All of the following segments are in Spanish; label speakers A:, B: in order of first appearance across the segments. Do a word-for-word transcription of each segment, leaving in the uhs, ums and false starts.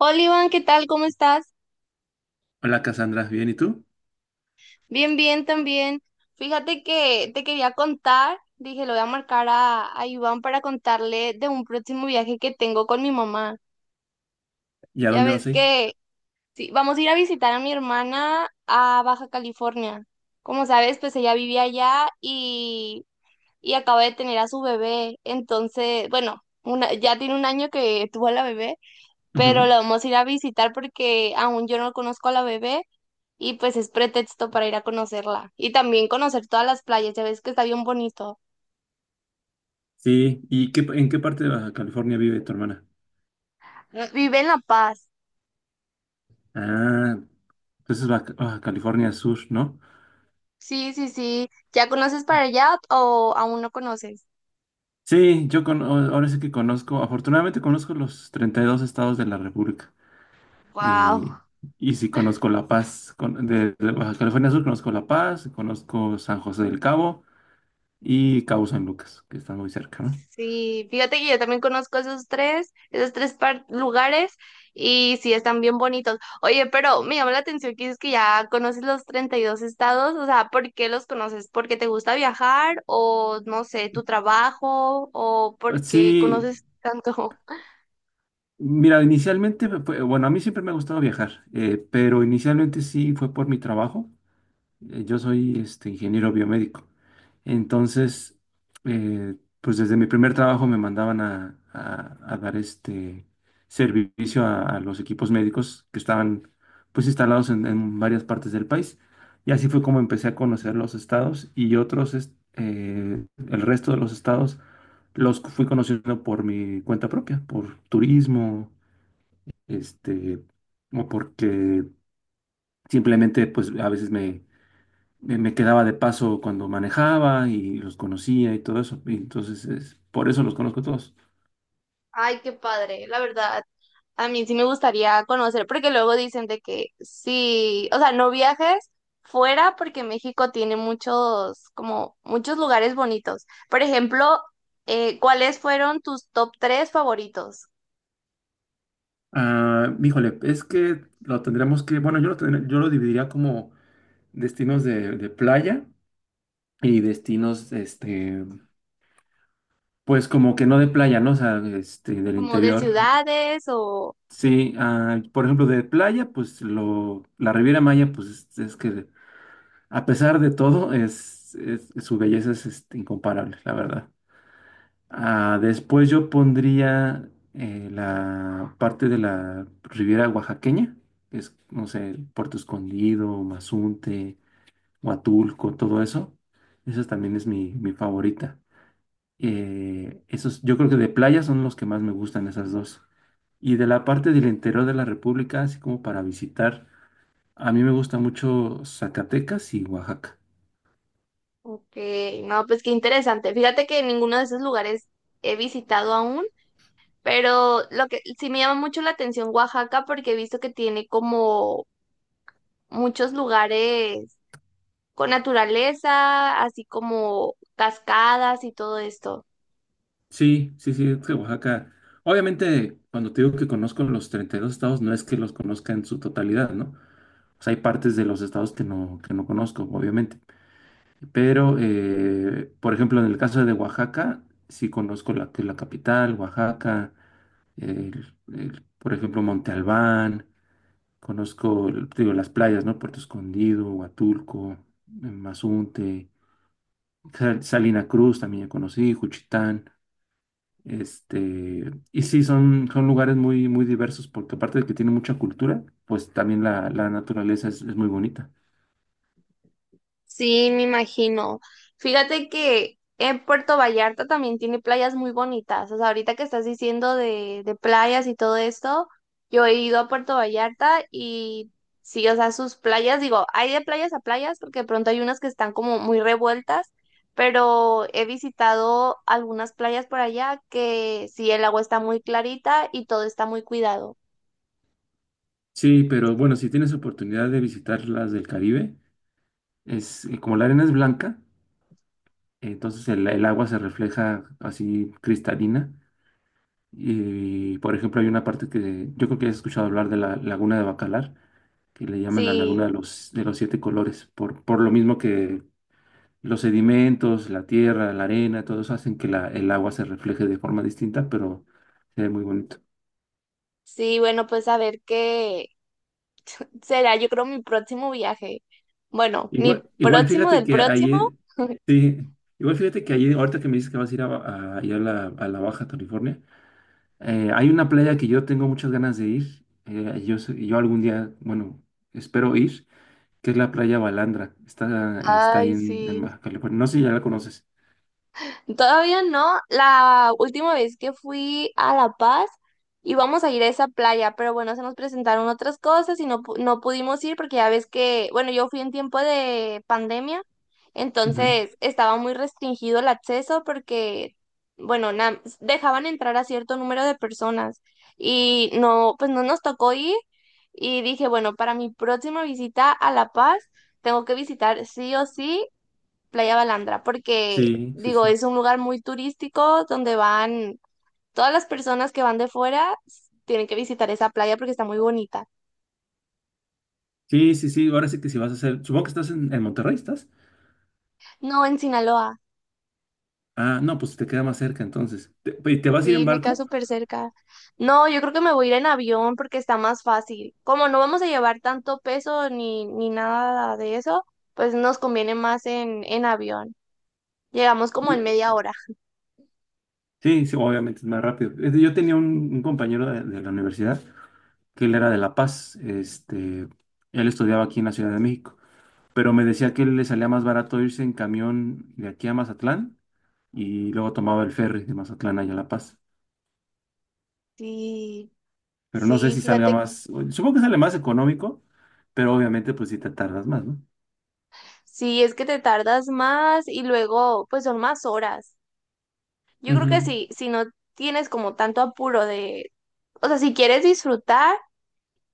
A: Hola Iván, ¿qué tal? ¿Cómo estás?
B: Hola Cassandra, ¿bien y tú?
A: Bien, bien también. Fíjate que te quería contar, dije, lo voy a marcar a, a Iván para contarle de un próximo viaje que tengo con mi mamá.
B: ¿Y a
A: Ya
B: dónde vas
A: ves
B: a ir?
A: que sí, vamos a ir a visitar a mi hermana a Baja California. Como sabes, pues ella vivía allá y, y acaba de tener a su bebé. Entonces, bueno, una, ya tiene un año que tuvo a la bebé, pero
B: Ujú.
A: la vamos a ir a visitar porque aún yo no conozco a la bebé. Y pues es pretexto para ir a conocerla y también conocer todas las playas, ya ves que está bien bonito.
B: Sí, ¿y qué, en qué parte de Baja California vive tu hermana?
A: Vive en La Paz.
B: Ah, entonces Baja, Baja California Sur, ¿no?
A: Sí, sí, sí. ¿Ya conoces para allá o aún no conoces?
B: Sí, yo con, o- ahora sí que conozco, afortunadamente conozco los treinta y dos estados de la República. Eh,
A: Wow.
B: y sí conozco La Paz, con- de, de Baja California Sur conozco La Paz, conozco San José del Cabo y Cabo San Lucas, que están muy cerca, ¿no?
A: Sí, fíjate que yo también conozco esos tres, esos tres par- lugares y sí están bien bonitos. Oye, pero me llama la atención que dices que ya conoces los treinta y dos estados, o sea, ¿por qué los conoces? ¿Porque te gusta viajar o no sé, tu trabajo o porque
B: Sí,
A: conoces tanto?
B: mira, inicialmente, fue- bueno, a mí siempre me ha gustado viajar, eh, pero inicialmente sí fue por mi trabajo. Eh, Yo soy este, ingeniero biomédico. Entonces, eh, pues desde mi primer trabajo me mandaban a, a- a dar este servicio a, a los equipos médicos que estaban pues instalados en, en varias partes del país. Y así fue como empecé a conocer los estados y otros, es- eh, el resto de los estados los fui conociendo por mi cuenta propia, por turismo, este, o porque simplemente pues a veces me me, me quedaba de paso cuando manejaba y los conocía y todo eso. Y entonces, es- por eso los conozco todos.
A: Ay, qué padre, la verdad. A mí sí me gustaría conocer, porque luego dicen de que sí, o sea, no viajes fuera porque México tiene muchos, como muchos lugares bonitos. Por ejemplo, eh, ¿cuáles fueron tus top tres favoritos?
B: Ah, híjole, es que lo tendremos que, bueno, yo lo, tendré- yo lo dividiría como destinos de, de playa y destinos, este, pues como que no de playa, ¿no? O sea, este, del
A: ¿Como de
B: interior.
A: ciudades o...?
B: Sí, ah, por ejemplo, de playa, pues lo, la Riviera Maya, pues es, es que a pesar de todo, es, es- su belleza es este, incomparable, la verdad. Ah, después yo pondría eh, la parte de la Riviera Oaxaqueña, que es, no sé, el Puerto Escondido, Mazunte, Huatulco, todo eso. Esa también es mi, mi favorita. Eh, esos, yo creo que de playa son los que más me gustan esas dos. Y de la parte del interior de la República, así como para visitar, a mí me gusta mucho Zacatecas y Oaxaca.
A: Ok, no, pues qué interesante. Fíjate que ninguno de esos lugares he visitado aún, pero lo que sí me llama mucho la atención Oaxaca porque he visto que tiene como muchos lugares con naturaleza, así como cascadas y todo esto.
B: Sí, sí, sí, es que Oaxaca, obviamente cuando te digo que conozco los treinta y dos estados, no es que los conozca en su totalidad, ¿no? O sea, hay partes de los estados que no, que no conozco, obviamente. Pero, eh, por ejemplo, en el caso de Oaxaca, sí conozco la, que es la capital, Oaxaca, el- el, por ejemplo, Monte Albán, conozco, el- te digo, las playas, ¿no? Puerto Escondido, Huatulco, eh, Mazunte, Sal- Salina Cruz también ya conocí, Juchitán. Este, y sí, son, son lugares muy, muy diversos porque aparte de que tiene mucha cultura, pues también la, la naturaleza es, es muy bonita.
A: Sí, me imagino. Fíjate que en Puerto Vallarta también tiene playas muy bonitas. O sea, ahorita que estás diciendo de, de playas y todo esto, yo he ido a Puerto Vallarta y sí, o sea, sus playas, digo, hay de playas a playas porque de pronto hay unas que están como muy revueltas, pero he visitado algunas playas por allá que sí, el agua está muy clarita y todo está muy cuidado.
B: Sí, pero bueno, si tienes oportunidad de visitar las del Caribe, es eh, como la arena es blanca, entonces el, el agua se refleja así cristalina. Y por ejemplo, hay una parte que yo creo que has escuchado hablar de la Laguna de Bacalar, que le llaman la Laguna
A: Sí.
B: de los, de los Siete Colores, por, por lo mismo que los sedimentos, la tierra, la arena, todos hacen que la- el agua se refleje de forma distinta, pero se ve muy bonito.
A: Sí, bueno, pues a ver qué será, yo creo mi próximo viaje. Bueno, mi
B: Igual, igual
A: próximo
B: fíjate
A: del
B: que
A: próximo.
B: ayer, sí, igual fíjate que ayer, ahorita que me dices que vas a ir a, Ba- a- ir a la, a la Baja California, eh, hay una playa que yo tengo muchas ganas de ir. Eh, yo, sé- yo algún día, bueno, espero ir, que es la playa Balandra. Está, está ahí
A: Ay,
B: en, en
A: sí.
B: Baja California. No sé si ya la conoces.
A: Todavía no. La última vez que fui a La Paz íbamos a ir a esa playa, pero bueno, se nos presentaron otras cosas y no, pu- no pudimos ir porque ya ves que, bueno, yo fui en tiempo de pandemia,
B: Ujú.
A: entonces estaba muy restringido el acceso porque, bueno, na- dejaban entrar a cierto número de personas y no, pues no nos tocó ir y dije, bueno, para mi próxima visita a La Paz tengo que visitar sí o sí Playa Balandra, porque
B: Sí, sí,
A: digo,
B: sí.
A: es un lugar muy turístico donde van todas las personas que van de fuera, s- tienen que visitar esa playa porque está muy bonita.
B: Sí, sí, sí. Ahora sí que si vas a hacer, supongo que estás en, en Monterrey, ¿estás?
A: No, en Sinaloa,
B: Ah, no, pues te queda más cerca entonces. ¿Te, Y te vas a ir en
A: sí, me queda
B: barco?
A: súper cerca. No, yo creo que me voy a ir en avión porque está más fácil. Como no vamos a llevar tanto peso ni, ni nada de eso, pues nos conviene más en, en avión. Llegamos como en media hora.
B: Sí, sí, obviamente es más rápido. Es de- Yo tenía un, un compañero de, de la universidad que él era de La Paz, este, él estudiaba aquí en la Ciudad de México, pero me decía que le salía más barato irse en camión de aquí a Mazatlán y luego tomaba el ferry de Mazatlán allá a La Paz.
A: Sí,
B: Pero no sé
A: sí,
B: si salga
A: fíjate.
B: más, supongo que sale más económico, pero obviamente pues si te tardas más, ¿no?
A: Sí, es que te tardas más y luego, pues son más horas. Yo creo que
B: Ujú.
A: si, si no tienes como tanto apuro de, o sea, si quieres disfrutar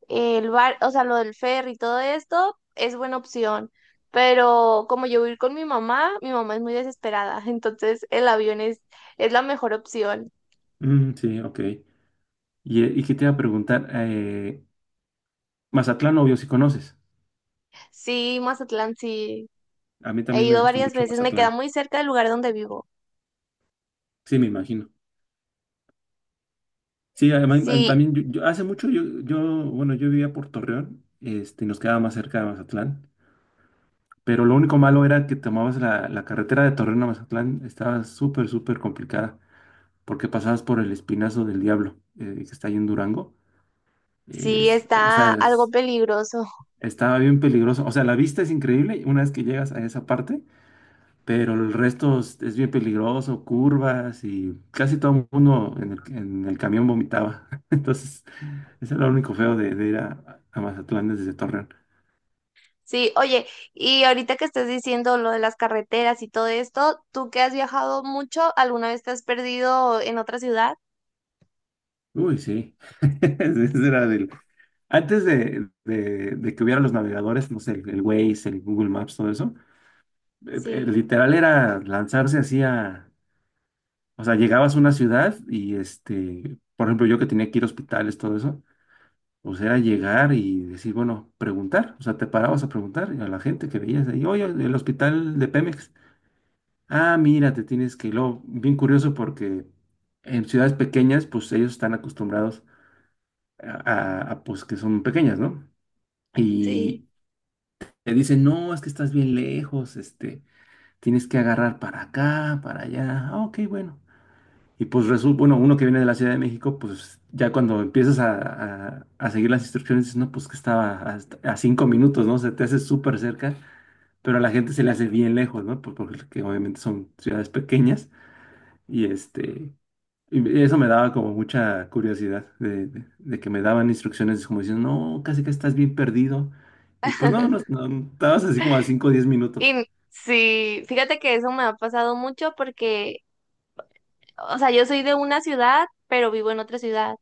A: eh, el bar, o sea, lo del ferry y todo esto, es buena opción. Pero como yo voy a ir con mi mamá, mi mamá es muy desesperada, entonces el avión es, es la mejor opción.
B: Mm, sí, ok. Y, eh, y que te iba a preguntar, eh, Mazatlán obvio si conoces.
A: Sí, Mazatlán, sí,
B: A mí
A: he
B: también me
A: ido
B: gustó
A: varias
B: mucho
A: veces, me queda
B: Mazatlán.
A: muy cerca del lugar donde vivo.
B: Sí, me imagino. Sí, además, eh,
A: Sí,
B: también yo, yo- hace mucho yo, yo, bueno, yo vivía por Torreón, este, nos quedaba más cerca de Mazatlán, pero lo único malo era que tomabas la, la carretera de Torreón a Mazatlán, estaba súper, súper complicada, porque pasabas por el Espinazo del Diablo, eh, que está ahí en Durango.
A: sí,
B: Es- o
A: está
B: sea,
A: algo
B: es-
A: peligroso.
B: Estaba bien peligroso. O sea, la vista es increíble una vez que llegas a esa parte, pero el resto es, es bien peligroso, curvas y casi todo el mundo en el, en el camión vomitaba. Entonces, ese era lo único feo de, de ir a, a Mazatlán desde Torreón.
A: Sí, oye, y ahorita que estás diciendo lo de las carreteras y todo esto, ¿tú que has viajado mucho, alguna vez te has perdido en otra ciudad?
B: Uy, sí. Ese era del... Antes de, de- de que hubiera los navegadores, no sé, el, el Waze, el Google Maps, todo eso, eh, eh,
A: Sí,
B: literal era lanzarse así a... O sea, llegabas a una ciudad y este, por ejemplo, yo que tenía que ir a hospitales, todo eso. O sea, llegar y decir, bueno, preguntar. O sea, te parabas a preguntar a la gente que veías ahí, oye, el hospital de Pemex. Ah, mira, te tienes que ir. Luego, bien curioso porque en ciudades pequeñas, pues ellos están acostumbrados a, a- a, pues que son pequeñas, ¿no?
A: sí.
B: Y te dicen, no, es que estás bien lejos, este, tienes que agarrar para acá, para allá. Ah, ok, bueno. Y pues resulta, bueno, uno que viene de la Ciudad de México, pues ya cuando empiezas a, a- a seguir las instrucciones, dices, no, pues que estaba hasta- a, cinco minutos, ¿no? Se te hace súper cerca, pero a la gente se le hace bien lejos, ¿no? Por- Porque obviamente son ciudades pequeñas y este, y eso me daba como mucha curiosidad de, de- de que me daban instrucciones como diciendo, no, casi que estás bien perdido. Y pues no, no, no, estabas así como a cinco o diez minutos.
A: Y sí, fíjate que eso me ha pasado mucho porque, o sea, yo soy de una ciudad, pero vivo en otra ciudad.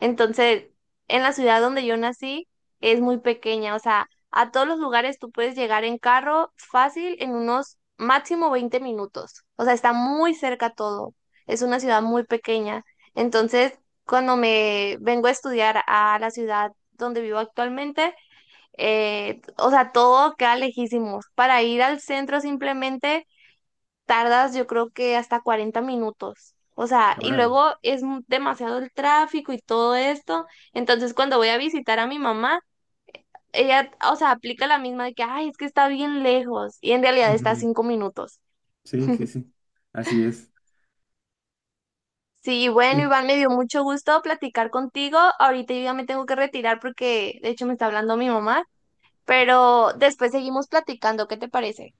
A: Entonces, en la ciudad donde yo nací es muy pequeña, o sea, a todos los lugares tú puedes llegar en carro fácil en unos máximo veinte minutos. O sea, está muy cerca todo. Es una ciudad muy pequeña. Entonces, cuando me vengo a estudiar a la ciudad donde vivo actualmente, eh, o sea, todo queda lejísimos. Para ir al centro simplemente tardas yo creo que hasta cuarenta minutos. O sea, y
B: Órale.
A: luego es mu- demasiado el tráfico y todo esto. Entonces, cuando voy a visitar a mi mamá, ella, o sea, aplica la misma de que, ay, es que está bien lejos. Y en realidad está a
B: Ujú.
A: cinco minutos.
B: Sí, sí, sí, así es.
A: Sí, bueno, Iván, me dio mucho gusto platicar contigo. Ahorita yo ya me tengo que retirar porque, de hecho, me está hablando mi mamá. Pero después seguimos platicando, ¿qué te parece?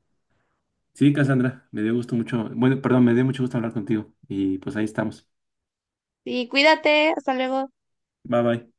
B: Sí, Cassandra, me dio gusto mucho, bueno, perdón, me dio mucho gusto hablar contigo y pues ahí estamos.
A: Sí, cuídate, hasta luego.
B: Bye bye.